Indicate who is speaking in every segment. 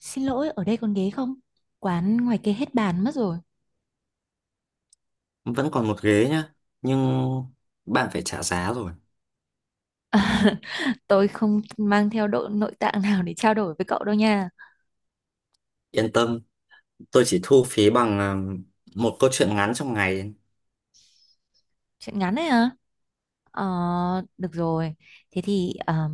Speaker 1: Xin lỗi, ở đây còn ghế không? Quán ngoài kia hết bàn mất rồi.
Speaker 2: Vẫn còn một ghế nhá nhưng bạn phải trả giá rồi.
Speaker 1: Tôi không mang theo độ nội tạng nào để trao đổi với cậu đâu nha.
Speaker 2: Yên tâm, tôi chỉ thu phí bằng một câu chuyện ngắn trong ngày.
Speaker 1: Chuyện ngắn đấy hả? Ờ, Được rồi. Thế thì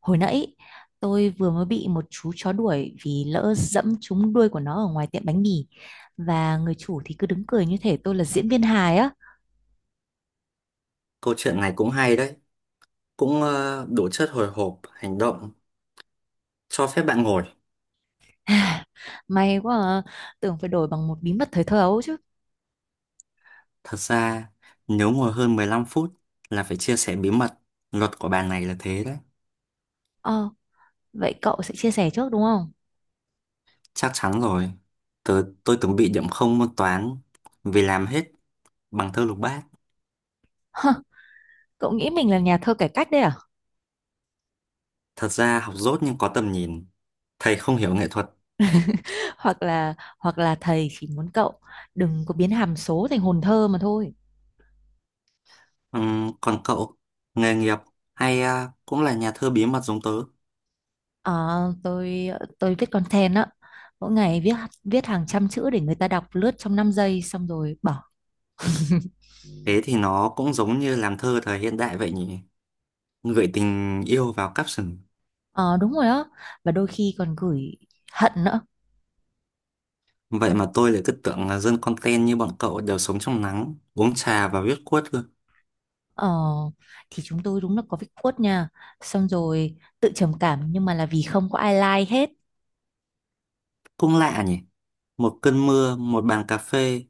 Speaker 1: hồi nãy tôi vừa mới bị một chú chó đuổi vì lỡ dẫm trúng đuôi của nó ở ngoài tiệm bánh mì. Và người chủ thì cứ đứng cười như thể tôi là diễn viên hài á.
Speaker 2: Câu chuyện này cũng hay đấy, cũng đủ chất hồi hộp hành động. Cho phép bạn ngồi.
Speaker 1: May quá à. Tưởng phải đổi bằng một bí mật thời thơ ấu chứ.
Speaker 2: Thật ra nếu ngồi hơn 15 phút là phải chia sẻ bí mật. Luật của bàn này là thế đấy.
Speaker 1: Ờ, Vậy cậu sẽ chia sẻ trước đúng không?
Speaker 2: Chắc chắn rồi, tôi từng bị điểm không môn toán vì làm hết bằng thơ lục bát.
Speaker 1: Cậu nghĩ mình là nhà thơ cải cách đấy à?
Speaker 2: Thật ra học dốt nhưng có tầm nhìn, thầy không hiểu nghệ thuật.
Speaker 1: Hoặc là thầy chỉ muốn cậu đừng có biến hàm số thành hồn thơ mà thôi.
Speaker 2: Ừ, còn cậu, nghề nghiệp hay cũng là nhà thơ bí mật giống tớ.
Speaker 1: à, tôi viết content á, mỗi ngày viết viết hàng trăm chữ để người ta đọc lướt trong 5 giây xong rồi bỏ.
Speaker 2: Thế thì nó cũng giống như làm thơ thời hiện đại vậy nhỉ? Gửi tình yêu vào caption.
Speaker 1: Ờ đúng rồi á, và đôi khi còn gửi hận nữa.
Speaker 2: Vậy mà tôi lại cứ tưởng là dân content như bọn cậu đều sống trong nắng, uống trà và viết quất cơ.
Speaker 1: Ờ, thì chúng tôi đúng là có việc quất nha, xong rồi tự trầm cảm nhưng mà là vì không có ai like hết.
Speaker 2: Cũng lạ nhỉ? Một cơn mưa, một bàn cà phê,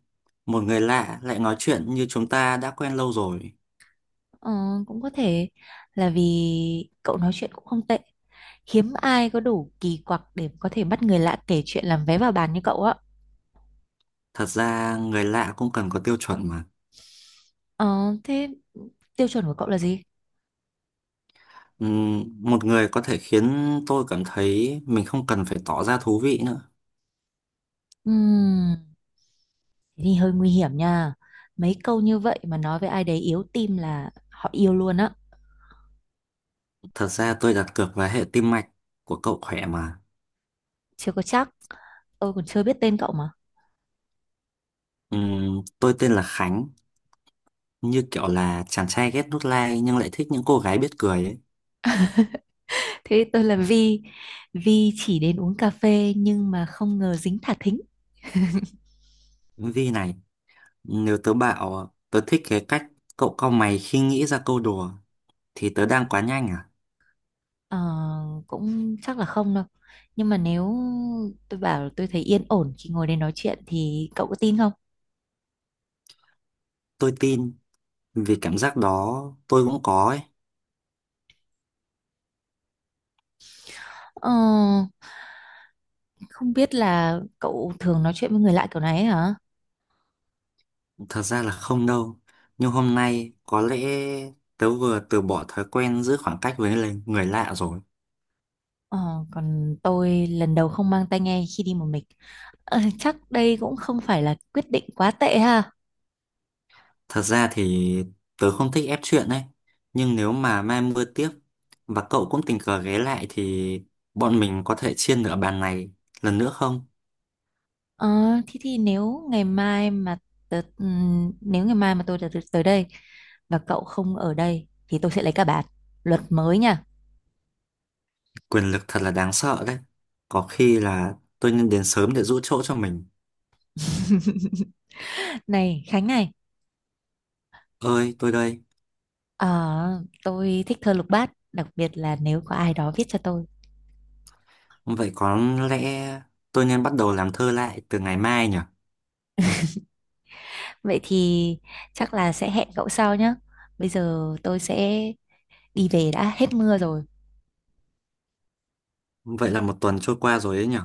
Speaker 2: một người lạ lại nói chuyện như chúng ta đã quen lâu rồi.
Speaker 1: Ờ, cũng có thể là vì cậu nói chuyện cũng không tệ. Hiếm ai có đủ kỳ quặc để có thể bắt người lạ kể chuyện làm vé vào bàn như cậu á.
Speaker 2: Thật ra người lạ cũng cần có tiêu chuẩn mà.
Speaker 1: Ờ, Thế tiêu chuẩn của cậu là gì?
Speaker 2: Ừm, một người có thể khiến tôi cảm thấy mình không cần phải tỏ ra thú vị nữa.
Speaker 1: Ừm, Thế thì hơi nguy hiểm nha, mấy câu như vậy mà nói với ai đấy yếu tim là họ yêu luôn á.
Speaker 2: Thật ra tôi đặt cược vào hệ tim mạch của cậu khỏe mà.
Speaker 1: Chưa có chắc, tôi còn chưa biết tên cậu mà.
Speaker 2: Tôi tên là Khánh, như kiểu là chàng trai ghét nút like nhưng lại thích những cô gái biết cười ấy.
Speaker 1: Thế tôi là Vi. Vi chỉ đến uống cà phê nhưng mà không ngờ dính thả thính.
Speaker 2: Vi này, nếu tớ bảo tớ thích cái cách cậu cau mày khi nghĩ ra câu đùa thì tớ đang quá nhanh à?
Speaker 1: Ờ, Cũng chắc là không đâu, nhưng mà nếu tôi bảo là tôi thấy yên ổn khi ngồi đây nói chuyện thì cậu có tin không?
Speaker 2: Tôi tin, vì cảm giác đó tôi cũng có ấy.
Speaker 1: Ờ. Không biết là cậu thường nói chuyện với người lạ kiểu này ấy hả?
Speaker 2: Thật ra là không đâu. Nhưng hôm nay có lẽ tớ vừa từ bỏ thói quen giữ khoảng cách với lại người lạ rồi.
Speaker 1: Ờ, Còn tôi lần đầu không mang tai nghe khi đi một mình. Chắc đây cũng không phải là quyết định quá tệ ha.
Speaker 2: Thật ra thì tớ không thích ép chuyện ấy. Nhưng nếu mà mai mưa tiếp và cậu cũng tình cờ ghé lại thì bọn mình có thể chia nửa bàn này lần nữa không?
Speaker 1: Ờ, Thế thì nếu ngày mai mà nếu ngày mai mà tôi tới tới đây và cậu không ở đây thì tôi sẽ lấy cả bạn. Luật mới nha.
Speaker 2: Quyền lực thật là đáng sợ đấy. Có khi là tôi nên đến sớm để giữ chỗ cho mình.
Speaker 1: Này Khánh này,
Speaker 2: Ơi, tôi đây.
Speaker 1: ờ, tôi thích thơ lục bát, đặc biệt là nếu có ai đó viết cho tôi.
Speaker 2: Vậy có lẽ tôi nên bắt đầu làm thơ lại từ ngày mai nhỉ?
Speaker 1: Vậy thì chắc là sẽ hẹn cậu sau nhé. Bây giờ tôi sẽ đi về, đã hết mưa rồi.
Speaker 2: Vậy là một tuần trôi qua rồi đấy nhỉ?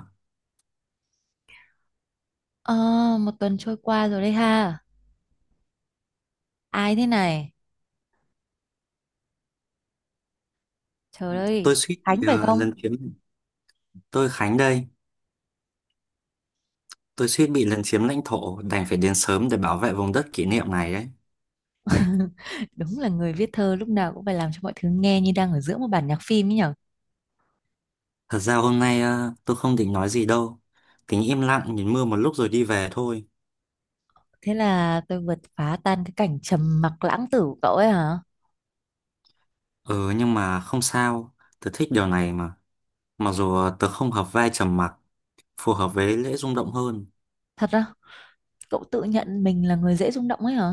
Speaker 1: Ờ, một tuần trôi qua rồi đấy ha. Ai thế này? Trời
Speaker 2: Tôi
Speaker 1: ơi,
Speaker 2: suýt bị
Speaker 1: Khánh phải không?
Speaker 2: Tôi Khánh đây. Tôi suýt bị lấn chiếm lãnh thổ, đành phải đến sớm để bảo vệ vùng đất kỷ niệm này đấy.
Speaker 1: Đúng là người viết thơ lúc nào cũng phải làm cho mọi thứ nghe như đang ở giữa một bản nhạc phim ấy nhở.
Speaker 2: Thật ra hôm nay tôi không định nói gì đâu. Tính im lặng nhìn mưa một lúc rồi đi về thôi.
Speaker 1: Thế là tôi vượt phá tan cái cảnh trầm mặc lãng tử của cậu ấy hả?
Speaker 2: Ừ nhưng mà không sao, tớ thích điều này mà. Mặc dù tớ không hợp vai trầm mặc, phù hợp với lễ rung động hơn.
Speaker 1: Thật á, cậu tự nhận mình là người dễ rung động ấy hả?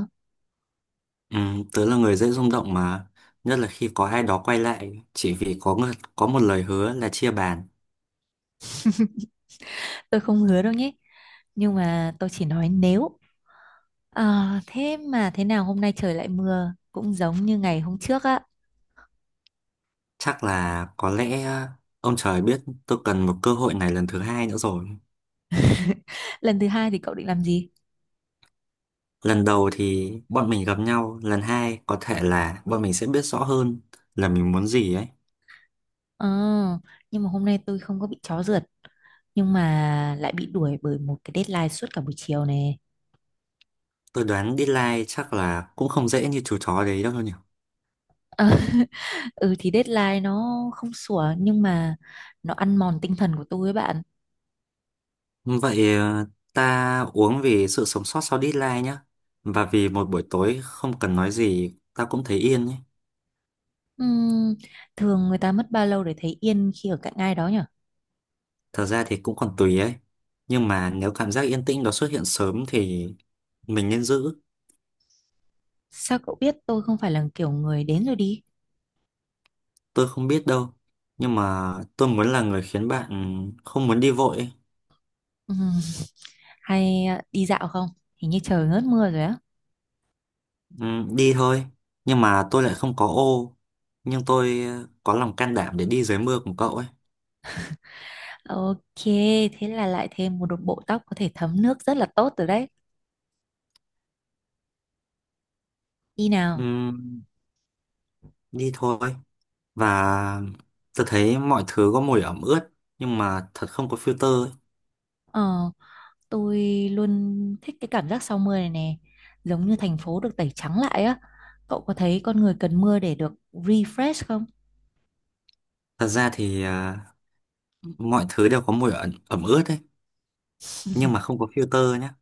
Speaker 2: Ừ, tớ là người dễ rung động mà, nhất là khi có ai đó quay lại chỉ vì có một lời hứa là chia bàn.
Speaker 1: Tôi không hứa đâu nhé. Nhưng mà tôi chỉ nói nếu… Ờ, thế mà thế nào hôm nay trời lại mưa cũng giống như ngày hôm trước á.
Speaker 2: Chắc là có lẽ ông trời biết tôi cần một cơ hội này lần thứ hai nữa rồi.
Speaker 1: Lần thứ hai thì cậu định làm gì?
Speaker 2: Lần đầu thì bọn mình gặp nhau, lần hai có thể là bọn mình sẽ biết rõ hơn là mình muốn gì ấy.
Speaker 1: Ờ, nhưng mà hôm nay tôi không có bị chó rượt, nhưng mà lại bị đuổi bởi một cái deadline suốt cả buổi chiều này.
Speaker 2: Tôi đoán deadline chắc là cũng không dễ như chú chó đấy đâu nhỉ.
Speaker 1: Ờ, ừ thì deadline nó không sủa, nhưng mà nó ăn mòn tinh thần của tôi ấy bạn.
Speaker 2: Vậy ta uống vì sự sống sót sau deadline nhá. Và vì một buổi tối không cần nói gì, ta cũng thấy yên ấy.
Speaker 1: Ừm, thường người ta mất bao lâu để thấy yên khi ở cạnh ai đó nhỉ?
Speaker 2: Thật ra thì cũng còn tùy ấy. Nhưng mà nếu cảm giác yên tĩnh đó xuất hiện sớm thì mình nên giữ.
Speaker 1: Sao cậu biết tôi không phải là kiểu người đến rồi đi?
Speaker 2: Tôi không biết đâu. Nhưng mà tôi muốn là người khiến bạn không muốn đi vội ấy.
Speaker 1: Ừm, hay à, đi dạo không? Hình như trời ngớt mưa rồi á.
Speaker 2: Ừ, đi thôi nhưng mà tôi lại không có ô, nhưng tôi có lòng can đảm để đi dưới mưa cùng cậu ấy.
Speaker 1: Ok, thế là lại thêm một bộ tóc có thể thấm nước rất là tốt rồi đấy. Đi
Speaker 2: Ừ,
Speaker 1: nào.
Speaker 2: đi thôi, và tôi thấy mọi thứ có mùi ẩm ướt nhưng mà thật không có filter ấy.
Speaker 1: Ờ, tôi luôn thích cái cảm giác sau mưa này nè. Giống như thành phố được tẩy trắng lại á. Cậu có thấy con người cần mưa để được refresh không?
Speaker 2: Thật ra thì mọi thứ đều có mùi ẩm ướt ấy nhưng mà không có filter nhá.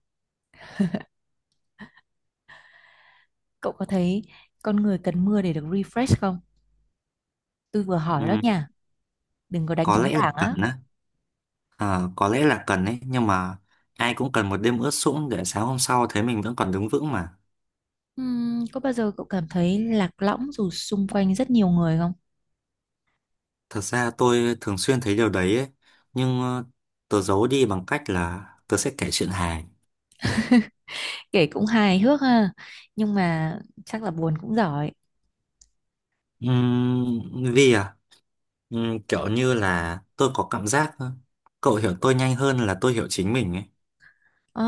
Speaker 1: Cậu có thấy con người cần mưa để được refresh không? Tôi vừa hỏi đó
Speaker 2: Ừ,
Speaker 1: nha. Đừng có đánh
Speaker 2: có
Speaker 1: trống
Speaker 2: lẽ là
Speaker 1: lảng
Speaker 2: cần
Speaker 1: á.
Speaker 2: á. Ờ, có lẽ là cần ấy, nhưng mà ai cũng cần một đêm ướt sũng để sáng hôm sau thấy mình vẫn còn đứng vững mà.
Speaker 1: Có bao giờ cậu cảm thấy lạc lõng dù xung quanh rất nhiều người không?
Speaker 2: Thật ra tôi thường xuyên thấy điều đấy ấy, nhưng tớ giấu đi bằng cách là tớ sẽ kể chuyện hài.
Speaker 1: Kể cũng hài hước ha. Nhưng mà chắc là buồn cũng giỏi.
Speaker 2: Vì kiểu như là tôi có cảm giác cậu hiểu tôi nhanh hơn là tôi hiểu chính mình ấy.
Speaker 1: Ờ,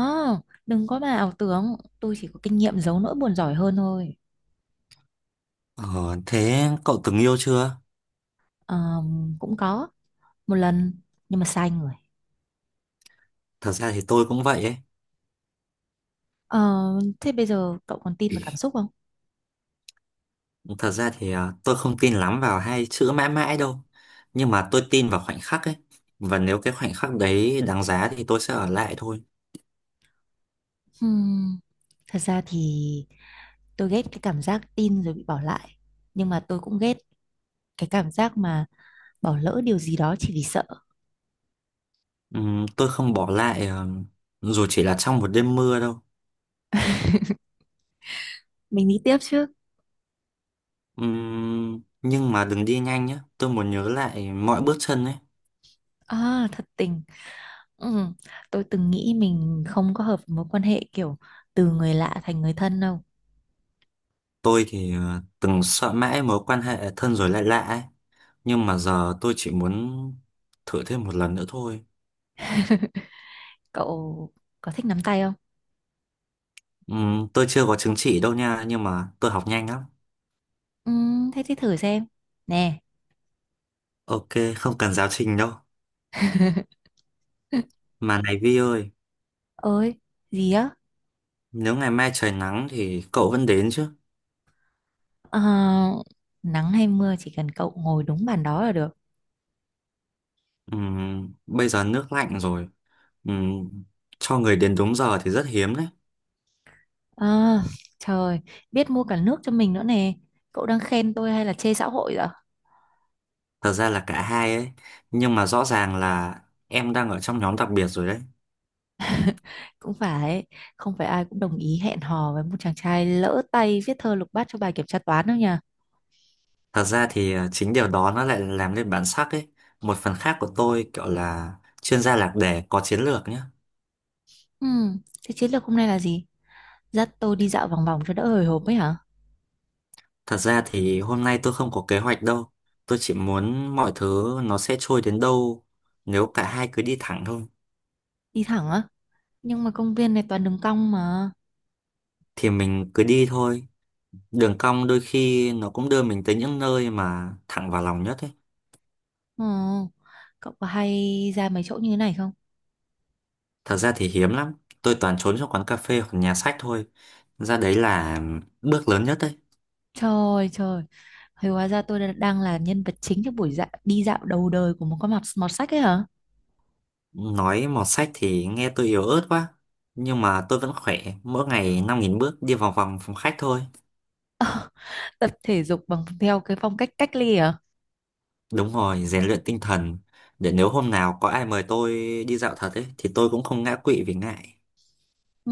Speaker 1: đừng có mà ảo tưởng, tôi chỉ có kinh nghiệm giấu nỗi buồn giỏi hơn thôi.
Speaker 2: Ờ, thế cậu từng yêu chưa?
Speaker 1: Cũng có, một lần, nhưng mà sai người.
Speaker 2: Thật ra thì tôi cũng vậy ấy.
Speaker 1: Ờ, thế bây giờ cậu còn tin vào cảm xúc không?
Speaker 2: Thật ra thì tôi không tin lắm vào hai chữ mãi mãi đâu. Nhưng mà tôi tin vào khoảnh khắc ấy. Và nếu cái khoảnh khắc đấy đáng giá thì tôi sẽ ở lại thôi.
Speaker 1: Hmm, thật ra thì tôi ghét cái cảm giác tin rồi bị bỏ lại. Nhưng mà tôi cũng ghét cái cảm giác mà bỏ lỡ điều gì đó chỉ vì sợ.
Speaker 2: Tôi không bỏ lại dù chỉ là trong một đêm mưa đâu.
Speaker 1: Mình đi tiếp chứ?
Speaker 2: Nhưng mà đừng đi nhanh nhé. Tôi muốn nhớ lại mọi bước chân ấy.
Speaker 1: À, thật tình. Ừ, tôi từng nghĩ mình không có hợp với mối quan hệ kiểu từ người lạ thành người thân đâu.
Speaker 2: Tôi thì từng sợ mãi mối quan hệ thân rồi lại lạ ấy. Nhưng mà giờ tôi chỉ muốn thử thêm một lần nữa thôi.
Speaker 1: Cậu có thích nắm tay không?
Speaker 2: Tôi chưa có chứng chỉ đâu nha, nhưng mà tôi học nhanh lắm.
Speaker 1: Ừ, thế thì thử xem. Nè,
Speaker 2: Ok, không cần giáo trình đâu. Mà này Vi ơi,
Speaker 1: ơi, gì á?
Speaker 2: nếu ngày mai trời nắng thì cậu vẫn đến chứ?
Speaker 1: Ờ, Nắng hay mưa chỉ cần cậu ngồi đúng bàn đó là được.
Speaker 2: Bây giờ nước lạnh rồi. Ừ, cho người đến đúng giờ thì rất hiếm đấy.
Speaker 1: Ờ, Trời, biết mua cả nước cho mình nữa nè. Cậu đang khen tôi hay là chê xã hội vậy?
Speaker 2: Thật ra là cả hai ấy. Nhưng mà rõ ràng là em đang ở trong nhóm đặc biệt rồi đấy.
Speaker 1: Cũng phải, không phải ai cũng đồng ý hẹn hò với một chàng trai lỡ tay viết thơ lục bát cho bài kiểm tra toán đâu nhỉ?
Speaker 2: Thật ra thì chính điều đó nó lại làm nên bản sắc ấy. Một phần khác của tôi kiểu là chuyên gia lạc đề có chiến lược nhé.
Speaker 1: Ừ, thế chiến lược hôm nay là gì? Dắt tôi đi dạo vòng vòng cho đỡ hồi hộp ấy hả?
Speaker 2: Thật ra thì hôm nay tôi không có kế hoạch đâu. Tôi chỉ muốn mọi thứ nó sẽ trôi đến đâu nếu cả hai cứ đi thẳng thôi.
Speaker 1: Đi thẳng á? Nhưng mà công viên này toàn đường cong mà.
Speaker 2: Thì mình cứ đi thôi. Đường cong đôi khi nó cũng đưa mình tới những nơi mà thẳng vào lòng nhất ấy.
Speaker 1: Ờ, Cậu có hay ra mấy chỗ như thế này không?
Speaker 2: Thật ra thì hiếm lắm. Tôi toàn trốn trong quán cà phê hoặc nhà sách thôi. Ra đấy là bước lớn nhất đấy.
Speaker 1: Trời trời, thì hóa ra tôi đang là nhân vật chính trong buổi đi dạo đầu đời của một con mọt sách ấy hả?
Speaker 2: Nói mọt sách thì nghe tôi yếu ớt quá. Nhưng mà tôi vẫn khỏe. Mỗi ngày 5.000 bước đi vòng vòng phòng khách thôi.
Speaker 1: Tập thể dục bằng theo cái phong cách cách ly hả?
Speaker 2: Đúng rồi, rèn luyện tinh thần. Để nếu hôm nào có ai mời tôi đi dạo thật ấy, thì tôi cũng không ngã quỵ vì ngại.
Speaker 1: Ừ,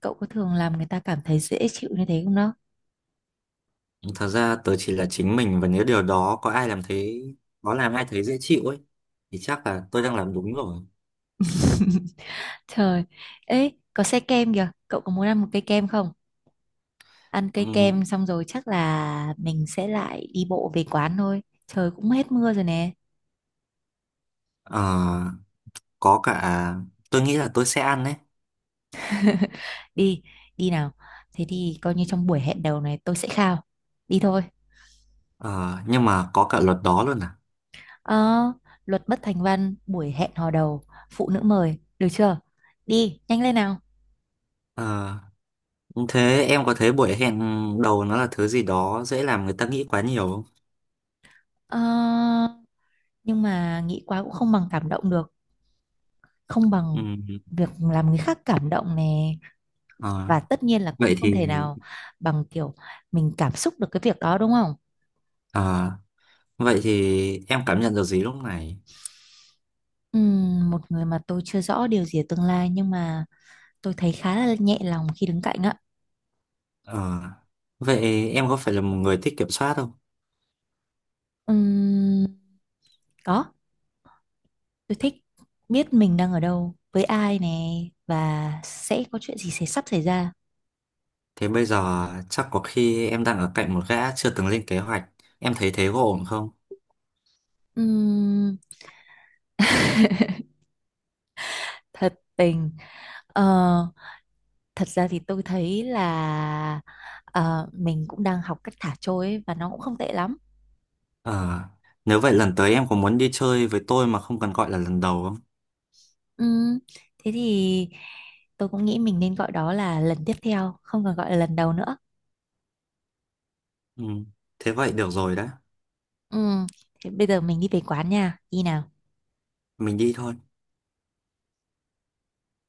Speaker 1: cậu có thường làm người ta cảm thấy dễ chịu như thế không đó?
Speaker 2: Thật ra tớ chỉ là chính mình và nếu điều đó có làm ai thấy dễ chịu ấy, thì chắc là tôi đang làm đúng rồi.
Speaker 1: Trời, ấy có xe kem kìa, cậu có muốn ăn một cây kem không? Ăn cây
Speaker 2: Ừ.
Speaker 1: kem xong rồi chắc là mình sẽ lại đi bộ về quán thôi. Trời cũng hết mưa rồi nè.
Speaker 2: Ờ, có cả tôi nghĩ là tôi sẽ ăn đấy.
Speaker 1: đi Đi nào. Thế thì coi như trong buổi hẹn đầu này tôi sẽ khao. Đi thôi.
Speaker 2: Ờ, nhưng mà có cả luật đó luôn à.
Speaker 1: Ờ, Luật bất thành văn buổi hẹn hò đầu, phụ nữ mời được chưa? Đi nhanh lên nào.
Speaker 2: ờ, Thế em có thấy buổi hẹn đầu nó là thứ gì đó dễ làm người ta nghĩ quá nhiều không?
Speaker 1: Ờ, nhưng mà nghĩ quá cũng không bằng cảm động được, không bằng
Speaker 2: Ừm.
Speaker 1: việc làm người khác cảm động nè,
Speaker 2: ờ,
Speaker 1: và tất nhiên là cũng
Speaker 2: vậy
Speaker 1: không
Speaker 2: thì
Speaker 1: thể nào bằng kiểu mình cảm xúc được cái việc đó đúng không?
Speaker 2: ờ, vậy thì em cảm nhận được gì lúc này?
Speaker 1: Một người mà tôi chưa rõ điều gì ở tương lai, nhưng mà tôi thấy khá là nhẹ lòng khi đứng cạnh ạ.
Speaker 2: ờ, Vậy em có phải là một người thích kiểm soát không?
Speaker 1: Ừm, Có, tôi thích biết mình đang ở đâu, với ai nè, và sẽ có chuyện gì sẽ sắp xảy ra.
Speaker 2: Thế bây giờ chắc có khi em đang ở cạnh một gã chưa từng lên kế hoạch, em thấy thế có ổn không?
Speaker 1: Ừm, thật tình, ờ, thật ra thì tôi thấy là mình cũng đang học cách thả trôi ấy, và nó cũng không tệ lắm.
Speaker 2: ờ, Nếu vậy lần tới em có muốn đi chơi với tôi mà không cần gọi là lần đầu không?
Speaker 1: Ừm, Thế thì tôi cũng nghĩ mình nên gọi đó là lần tiếp theo, không còn gọi là lần đầu nữa.
Speaker 2: Ừ. Thế vậy được rồi đã.
Speaker 1: Ừm, Thế bây giờ mình đi về quán nha, đi nào.
Speaker 2: Mình đi thôi.